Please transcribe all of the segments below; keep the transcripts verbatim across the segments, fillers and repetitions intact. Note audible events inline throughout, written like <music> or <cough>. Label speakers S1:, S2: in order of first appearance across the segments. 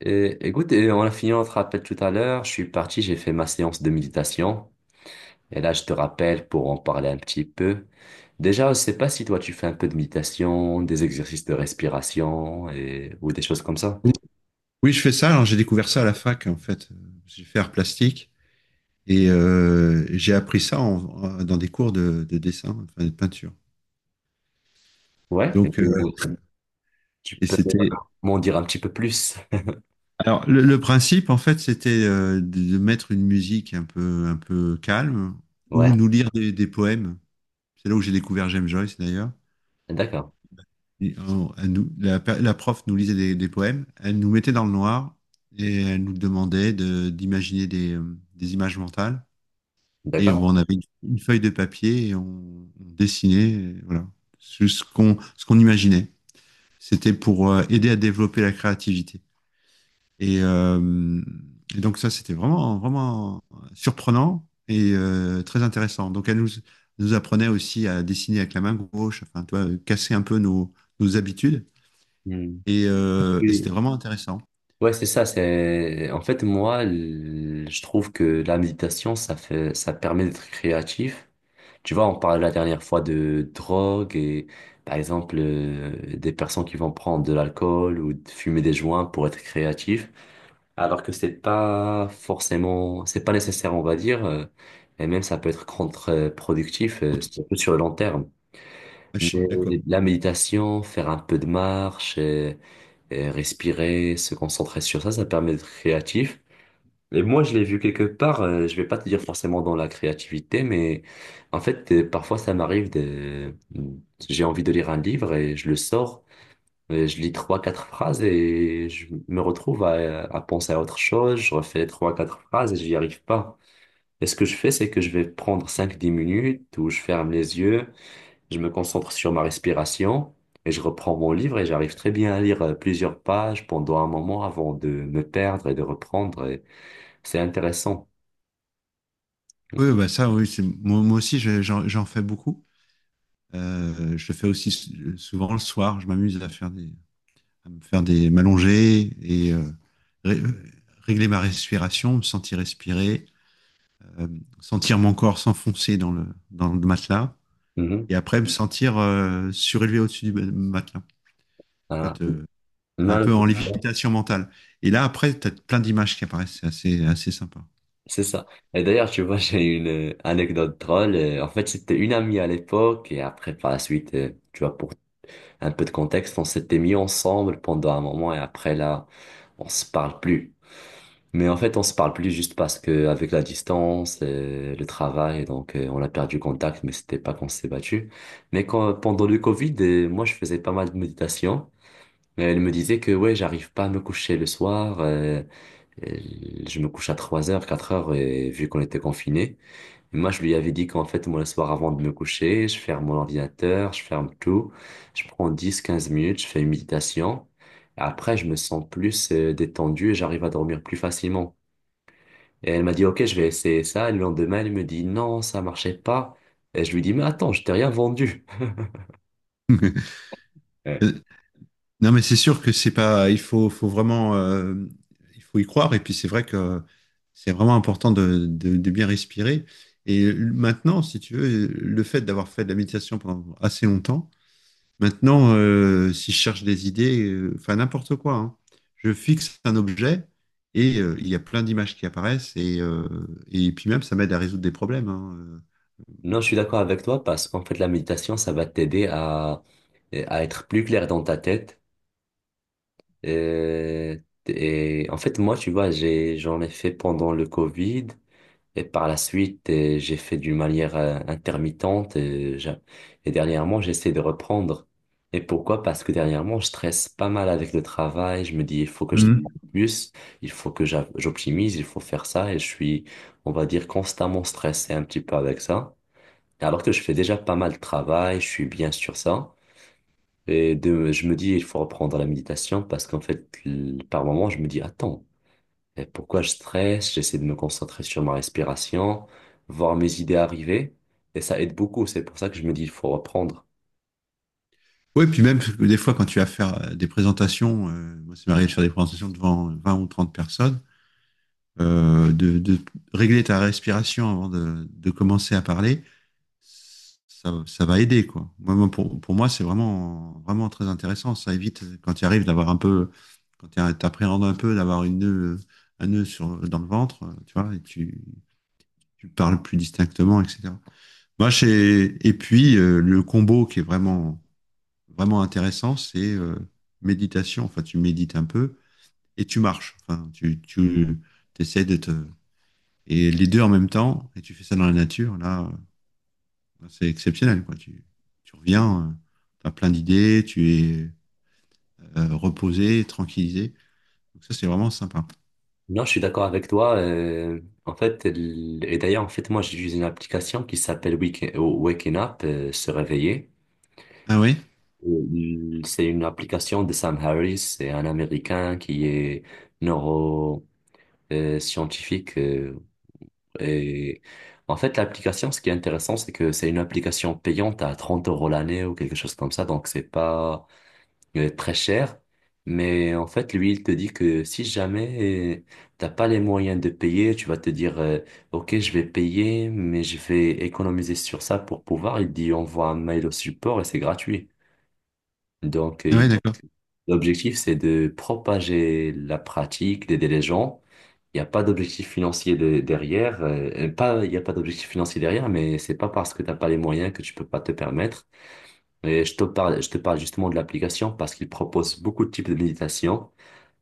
S1: Et, écoute, et on a fini notre rappel tout à l'heure. Je suis parti, j'ai fait ma séance de méditation. Et là, je te rappelle pour en parler un petit peu. Déjà, je sais pas si toi, tu fais un peu de méditation, des exercices de respiration et, ou des choses comme ça.
S2: Oui, oui, je fais ça. Alors, j'ai découvert ça à la fac, en fait. J'ai fait art plastique et euh, j'ai appris ça en- en- dans des cours de, de dessin, enfin de peinture.
S1: Ouais.
S2: Donc, euh,
S1: Ou Tu
S2: et
S1: peux
S2: c'était.
S1: m'en dire un petit peu plus. <laughs>
S2: Alors, le, le principe, en fait, c'était euh, de, de mettre une musique un peu, un peu calme ou
S1: Ouais,
S2: nous lire des, des poèmes. C'est là où j'ai découvert James Joyce, d'ailleurs.
S1: d'accord,
S2: Et, euh, elle nous- la, per- la prof nous lisait des, des poèmes. Elle nous mettait dans le noir et elle nous demandait de- d'imaginer des, euh, des images mentales. Et
S1: d'accord.
S2: on, avait une feuille de papier et on, on dessinait, et voilà, ce ce qu'on ce qu'on imaginait. C'était pour euh, aider à développer la créativité. Et, euh, et donc ça, c'était vraiment vraiment surprenant et euh, très intéressant. Donc elle nous nous apprenait aussi à dessiner avec la main gauche, enfin, tu vois, casser un peu nos nos habitudes.
S1: Hmm.
S2: Et, euh,
S1: Je
S2: et c'était vraiment intéressant.
S1: Ouais, c'est ça, c'est en fait moi, l- je trouve que la méditation ça fait ça permet d'être créatif. Tu vois, on parlait la dernière fois de drogue et par exemple, euh, des personnes qui vont prendre de l'alcool ou de fumer des joints pour être créatifs, alors que c'est pas forcément, c'est pas nécessaire, on va dire, euh, et même ça peut être contre-productif, euh, surtout sur le long terme.
S2: Ah, je
S1: Mais
S2: suis d'accord.
S1: la méditation, faire un peu de marche, et, et respirer, se concentrer sur ça, ça permet d'être créatif. Et moi, je l'ai vu quelque part, euh, je vais pas te dire forcément dans la créativité, mais en fait, euh, parfois, ça m'arrive de. J'ai envie de lire un livre et je le sors, et je lis trois, quatre phrases et je me retrouve à, à penser à autre chose, je refais trois, quatre phrases et j'y arrive pas. Et ce que je fais, c'est que je vais prendre cinq dix minutes où je ferme les yeux, je me concentre sur ma respiration et je reprends mon livre et j'arrive très bien à lire euh, plusieurs pages pendant un moment avant de me perdre et de reprendre. Et c'est intéressant.
S2: Oui, bah ça, oui, c'est- moi, moi aussi, je- j'en j'en fais beaucoup. Euh, je fais aussi souvent le soir, je m'amuse à faire des, à me faire des m'allonger et euh, ré- régler ma respiration, me sentir respirer, euh, sentir mon corps s'enfoncer dans le, dans le matelas
S1: Mhm.
S2: et après me sentir euh, surélevé au-dessus du ma- matelas. Tu vois,
S1: Ah.
S2: te- un
S1: Non, non,
S2: peu
S1: je sais
S2: en
S1: pas.
S2: lévitation mentale. Et là, après, tu as plein d'images qui apparaissent. C'est assez, assez sympa.
S1: C'est ça. Et d'ailleurs, tu vois, <laughs> j'ai une euh, anecdote drôle. Euh, En fait, c'était une amie à l'époque et après, par la suite, euh, tu vois, pour un peu de contexte, on s'était mis ensemble pendant un moment et après, là, on se parle plus. Mais en fait, on se parle plus juste parce que avec la distance, euh, le travail, donc euh, on a perdu contact, mais c'était pas qu'on s'est battu. Mais quand, pendant le Covid, euh, moi, je faisais pas mal de méditation. Et elle me disait que ouais, j'arrive pas à me coucher le soir. euh, Et Je me couche à trois heures, quatre heures, et vu qu'on était confinés, moi je lui avais dit qu'en fait, moi le soir avant de me coucher, je ferme mon ordinateur, je ferme tout, je prends dix quinze minutes, je fais une méditation, et après je me sens plus euh, détendu et j'arrive à dormir plus facilement. Et elle m'a dit, OK, je vais essayer ça, et le lendemain elle me dit, non, ça marchait pas. Et je lui dis, mais attends, je t'ai rien vendu. Ouais.
S2: <laughs> Non, mais c'est sûr que c'est pas. Il faut, faut vraiment, euh, il faut y croire. Et puis c'est vrai que c'est vraiment important de, de- de bien respirer. Et maintenant, si tu veux, le fait d'avoir fait de la méditation pendant assez longtemps, maintenant, euh, si je cherche des idées, euh, enfin n'importe quoi, hein, je fixe un objet et euh, il y a plein d'images qui apparaissent. Et, euh, et puis même, ça m'aide à résoudre des problèmes, hein. Euh,
S1: Non, je suis d'accord avec toi parce qu'en fait, la méditation, ça va t'aider à, à être plus clair dans ta tête. Euh, et en fait, moi, tu vois, j'ai, j'en ai fait pendant le Covid et par la suite, euh, j'ai fait d'une manière euh, intermittente et, j'a- et dernièrement, j'essaie de reprendre. Et pourquoi? Parce que dernièrement, je stresse pas mal avec le travail. Je me dis, il faut que je
S2: Mhm.
S1: travaille plus, il faut que j'a- j'optimise, il faut faire ça et je suis, on va dire, constamment stressé un petit peu avec ça. Alors que je fais déjà pas mal de travail, je suis bien sur ça. Et de, je me dis, il faut reprendre la méditation parce qu'en fait, l- par moment, je me dis, attends, euh, pourquoi je stresse? J'essaie de me concentrer sur ma respiration, voir mes idées arriver. Et ça aide beaucoup. C'est pour ça que je me dis, il faut reprendre.
S2: Oui, puis même, des fois, quand tu vas faire des présentations, euh, moi, c'est m'arrive de faire des présentations devant vingt ou trente personnes. euh, de, de, Régler ta respiration avant de, de commencer à parler, ça, ça, va aider, quoi. Moi, pour, pour moi, c'est vraiment, vraiment très intéressant. Ça évite, quand tu arrives d'avoir un peu, quand tu appréhendes un peu d'avoir une nœud, un nœud sur, dans le ventre, tu vois, et tu, tu parles plus distinctement, et cetera. Moi, j'ai, et puis, euh, le combo qui est vraiment, vraiment intéressant, c'est euh, méditation. Enfin, tu médites un peu et tu marches. Enfin, tu, tu essaies de te et les deux en même temps, et tu fais ça dans la nature, là, euh, c'est exceptionnel, quoi. Tu, tu reviens, euh, tu as plein d'idées, tu es euh, reposé, tranquillisé. Donc ça, c'est vraiment sympa.
S1: Non, je suis d'accord avec toi. euh, en fait, l- et d'ailleurs, en fait, moi, j'utilise une application qui s'appelle Wake, Waking Up, euh, se réveiller.
S2: Ah oui?
S1: Euh, C'est une application de Sam Harris, c'est un Américain qui est neuroscientifique. Et en fait, l'application, ce qui est intéressant, c'est que c'est une application payante à trente euros l'année ou quelque chose comme ça. Donc, c'est pas euh, très cher. Mais en fait, lui, il te dit que si jamais euh, t'as pas les moyens de payer, tu vas te dire, euh, OK, je vais payer, mais je vais économiser sur ça pour pouvoir. Il dit, envoie un mail au support et c'est gratuit. Donc,
S2: Ah
S1: euh,
S2: ouais, d'accord.
S1: l'objectif, c'est de propager la pratique, d'aider les gens. Il n'y a pas d'objectif financier de- derrière. Euh, pas, il n'y a pas d'objectif financier derrière, mais c'est pas parce que tu n'as pas les moyens que tu peux pas te permettre. Et je te parle, je te parle justement de l'application parce qu'il propose beaucoup de types de méditation.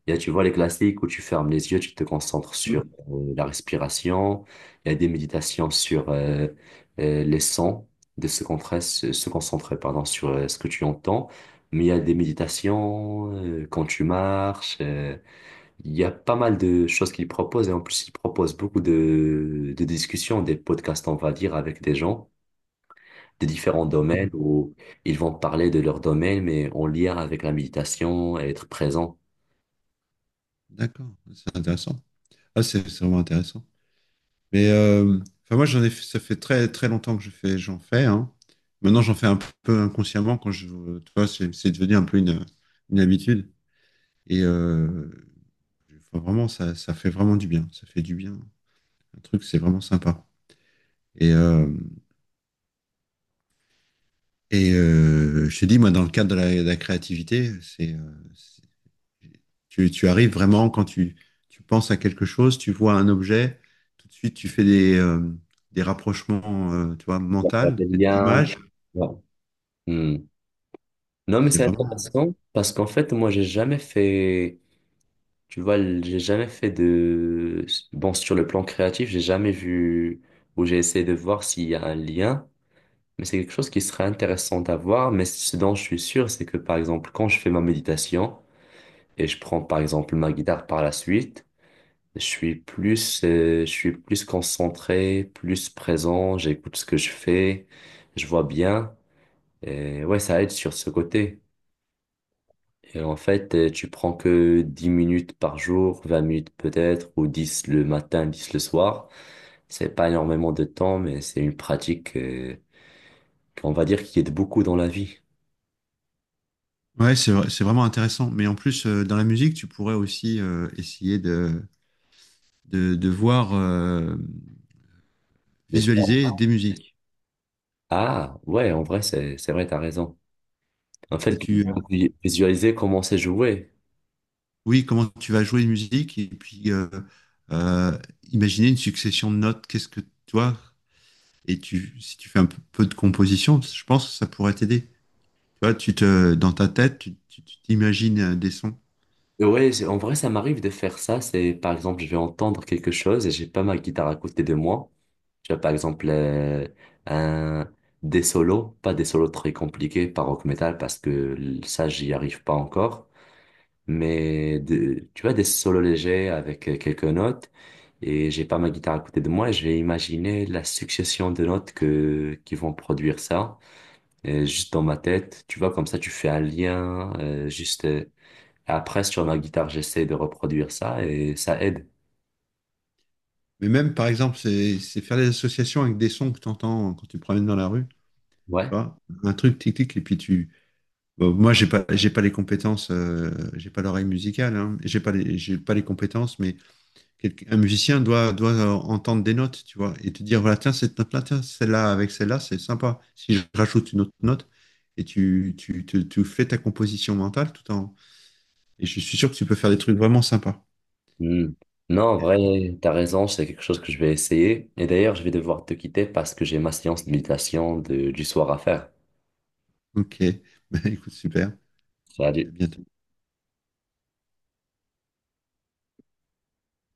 S1: Il y a, tu vois, les classiques où tu fermes les yeux, tu te concentres sur euh, la respiration. Il y a des méditations sur euh, euh, les sons, de se concentrer, se se concentrer, pardon, sur euh, ce que tu entends. Mais il y a des méditations euh, quand tu marches. euh, il y a pas mal de choses qu'ils proposent. Et en plus, ils proposent beaucoup de, de discussions, des podcasts, on va dire, avec des gens de différents domaines où ils vont parler de leur domaine, mais en lien avec la méditation et être présent.
S2: D'accord. C'est intéressant. Ah, c'est c'est vraiment intéressant. Mais euh, enfin, moi, j'en ai, fait- ça fait très, très longtemps que je fais, j'en fais, hein. Maintenant, j'en fais un peu inconsciemment quand je, tu vois, c'est c'est devenu un peu une, une, habitude. Et euh, enfin, vraiment, ça, ça fait vraiment du bien. Ça fait du bien. Un truc, c'est vraiment sympa. Et, euh, et euh, je te dis, moi, dans le cadre de la, de la créativité, c'est, euh, c'est- tu, tu arrives vraiment quand tu, tu penses à quelque chose, tu vois un objet, tout de suite, tu fais des, euh, des rapprochements, euh, tu vois,
S1: Il y a pas de
S2: mentales,
S1: lien.
S2: d'images.
S1: Voilà. Hmm. Non, mais
S2: C'est
S1: c'est
S2: vraiment,
S1: intéressant parce qu'en fait, moi, j'ai jamais fait, tu vois, l- j'ai jamais fait de, bon, sur le plan créatif, j'ai jamais vu ou j'ai essayé de voir s'il y a un lien, mais c'est quelque chose qui serait intéressant à voir. Mais ce dont je suis sûr, c'est que par exemple, quand je fais ma méditation et je prends par exemple ma guitare par la suite, je suis plus, euh, je suis plus concentré, plus présent, j'écoute ce que je fais, je vois bien, et ouais, ça aide sur ce côté. Et en fait, euh, tu prends que dix minutes par jour, vingt minutes peut-être, ou dix le matin, dix le soir. C'est pas énormément de temps, mais c'est une pratique, euh, qu'on va dire qui aide beaucoup dans la vie.
S2: ouais, c'est, vrai- c'est vraiment intéressant. Mais en plus, euh, dans la musique, tu pourrais aussi euh, essayer de, de, de voir, euh,
S1: N'est-ce pas?
S2: visualiser des musiques.
S1: Ah, ouais, en vrai, c'est, c'est vrai, t'as raison. En
S2: Parce que
S1: fait,
S2: tu,
S1: visualiser comment c'est joué.
S2: oui, comment tu vas jouer une musique et puis euh, euh, imaginer une succession de notes. Qu'est-ce que tu vois? Et tu, si tu fais un peu peu de composition, je pense que ça pourrait t'aider. Tu vois, tu te, dans ta tête, tu, tu- tu t'imagines euh, des sons.
S1: Ouais, c'est- en vrai, ça m'arrive de faire ça. C'est, par exemple, je vais entendre quelque chose et j'ai pas ma guitare à côté de moi. Tu vois, par exemple, euh, un, des solos, pas des solos très compliqués par rock metal parce que ça, j'y arrive pas encore. Mais de- tu vois, des solos légers avec euh, quelques notes et j'ai pas ma guitare à côté de moi et je vais imaginer la succession de notes que, qui vont produire ça. Et juste dans ma tête, tu vois, comme ça, tu fais un lien, euh, juste. euh, et après, sur ma guitare, j'essaie de reproduire ça et ça aide.
S2: Mais même, par exemple, c'est c'est faire des associations avec des sons que tu entends quand tu te promènes dans la rue. Tu
S1: Ouais.
S2: vois, un truc tic-tic, et puis tu. Bon, moi, j'ai pas, j'ai pas les compétences, euh, j'ai pas l'oreille musicale, hein, j'ai pas les, j'ai pas les compétences, mais quelqu'un- un musicien doit, doit euh, entendre des notes, tu vois, et te dire, voilà, tiens, cette note-là, tiens, celle-là, avec celle-là, c'est sympa. Si je rajoute une autre note, et tu, tu, tu, tu fais ta composition mentale tout en. Et je suis sûr que tu peux faire des trucs vraiment sympas.
S1: Hmm. Non, en vrai, t'as raison, c'est quelque chose que je vais essayer. Et d'ailleurs, je vais devoir te quitter parce que j'ai ma séance de méditation de- du soir à faire.
S2: Ok, <laughs> bah, écoute, super. Puis à
S1: Salut.
S2: bientôt.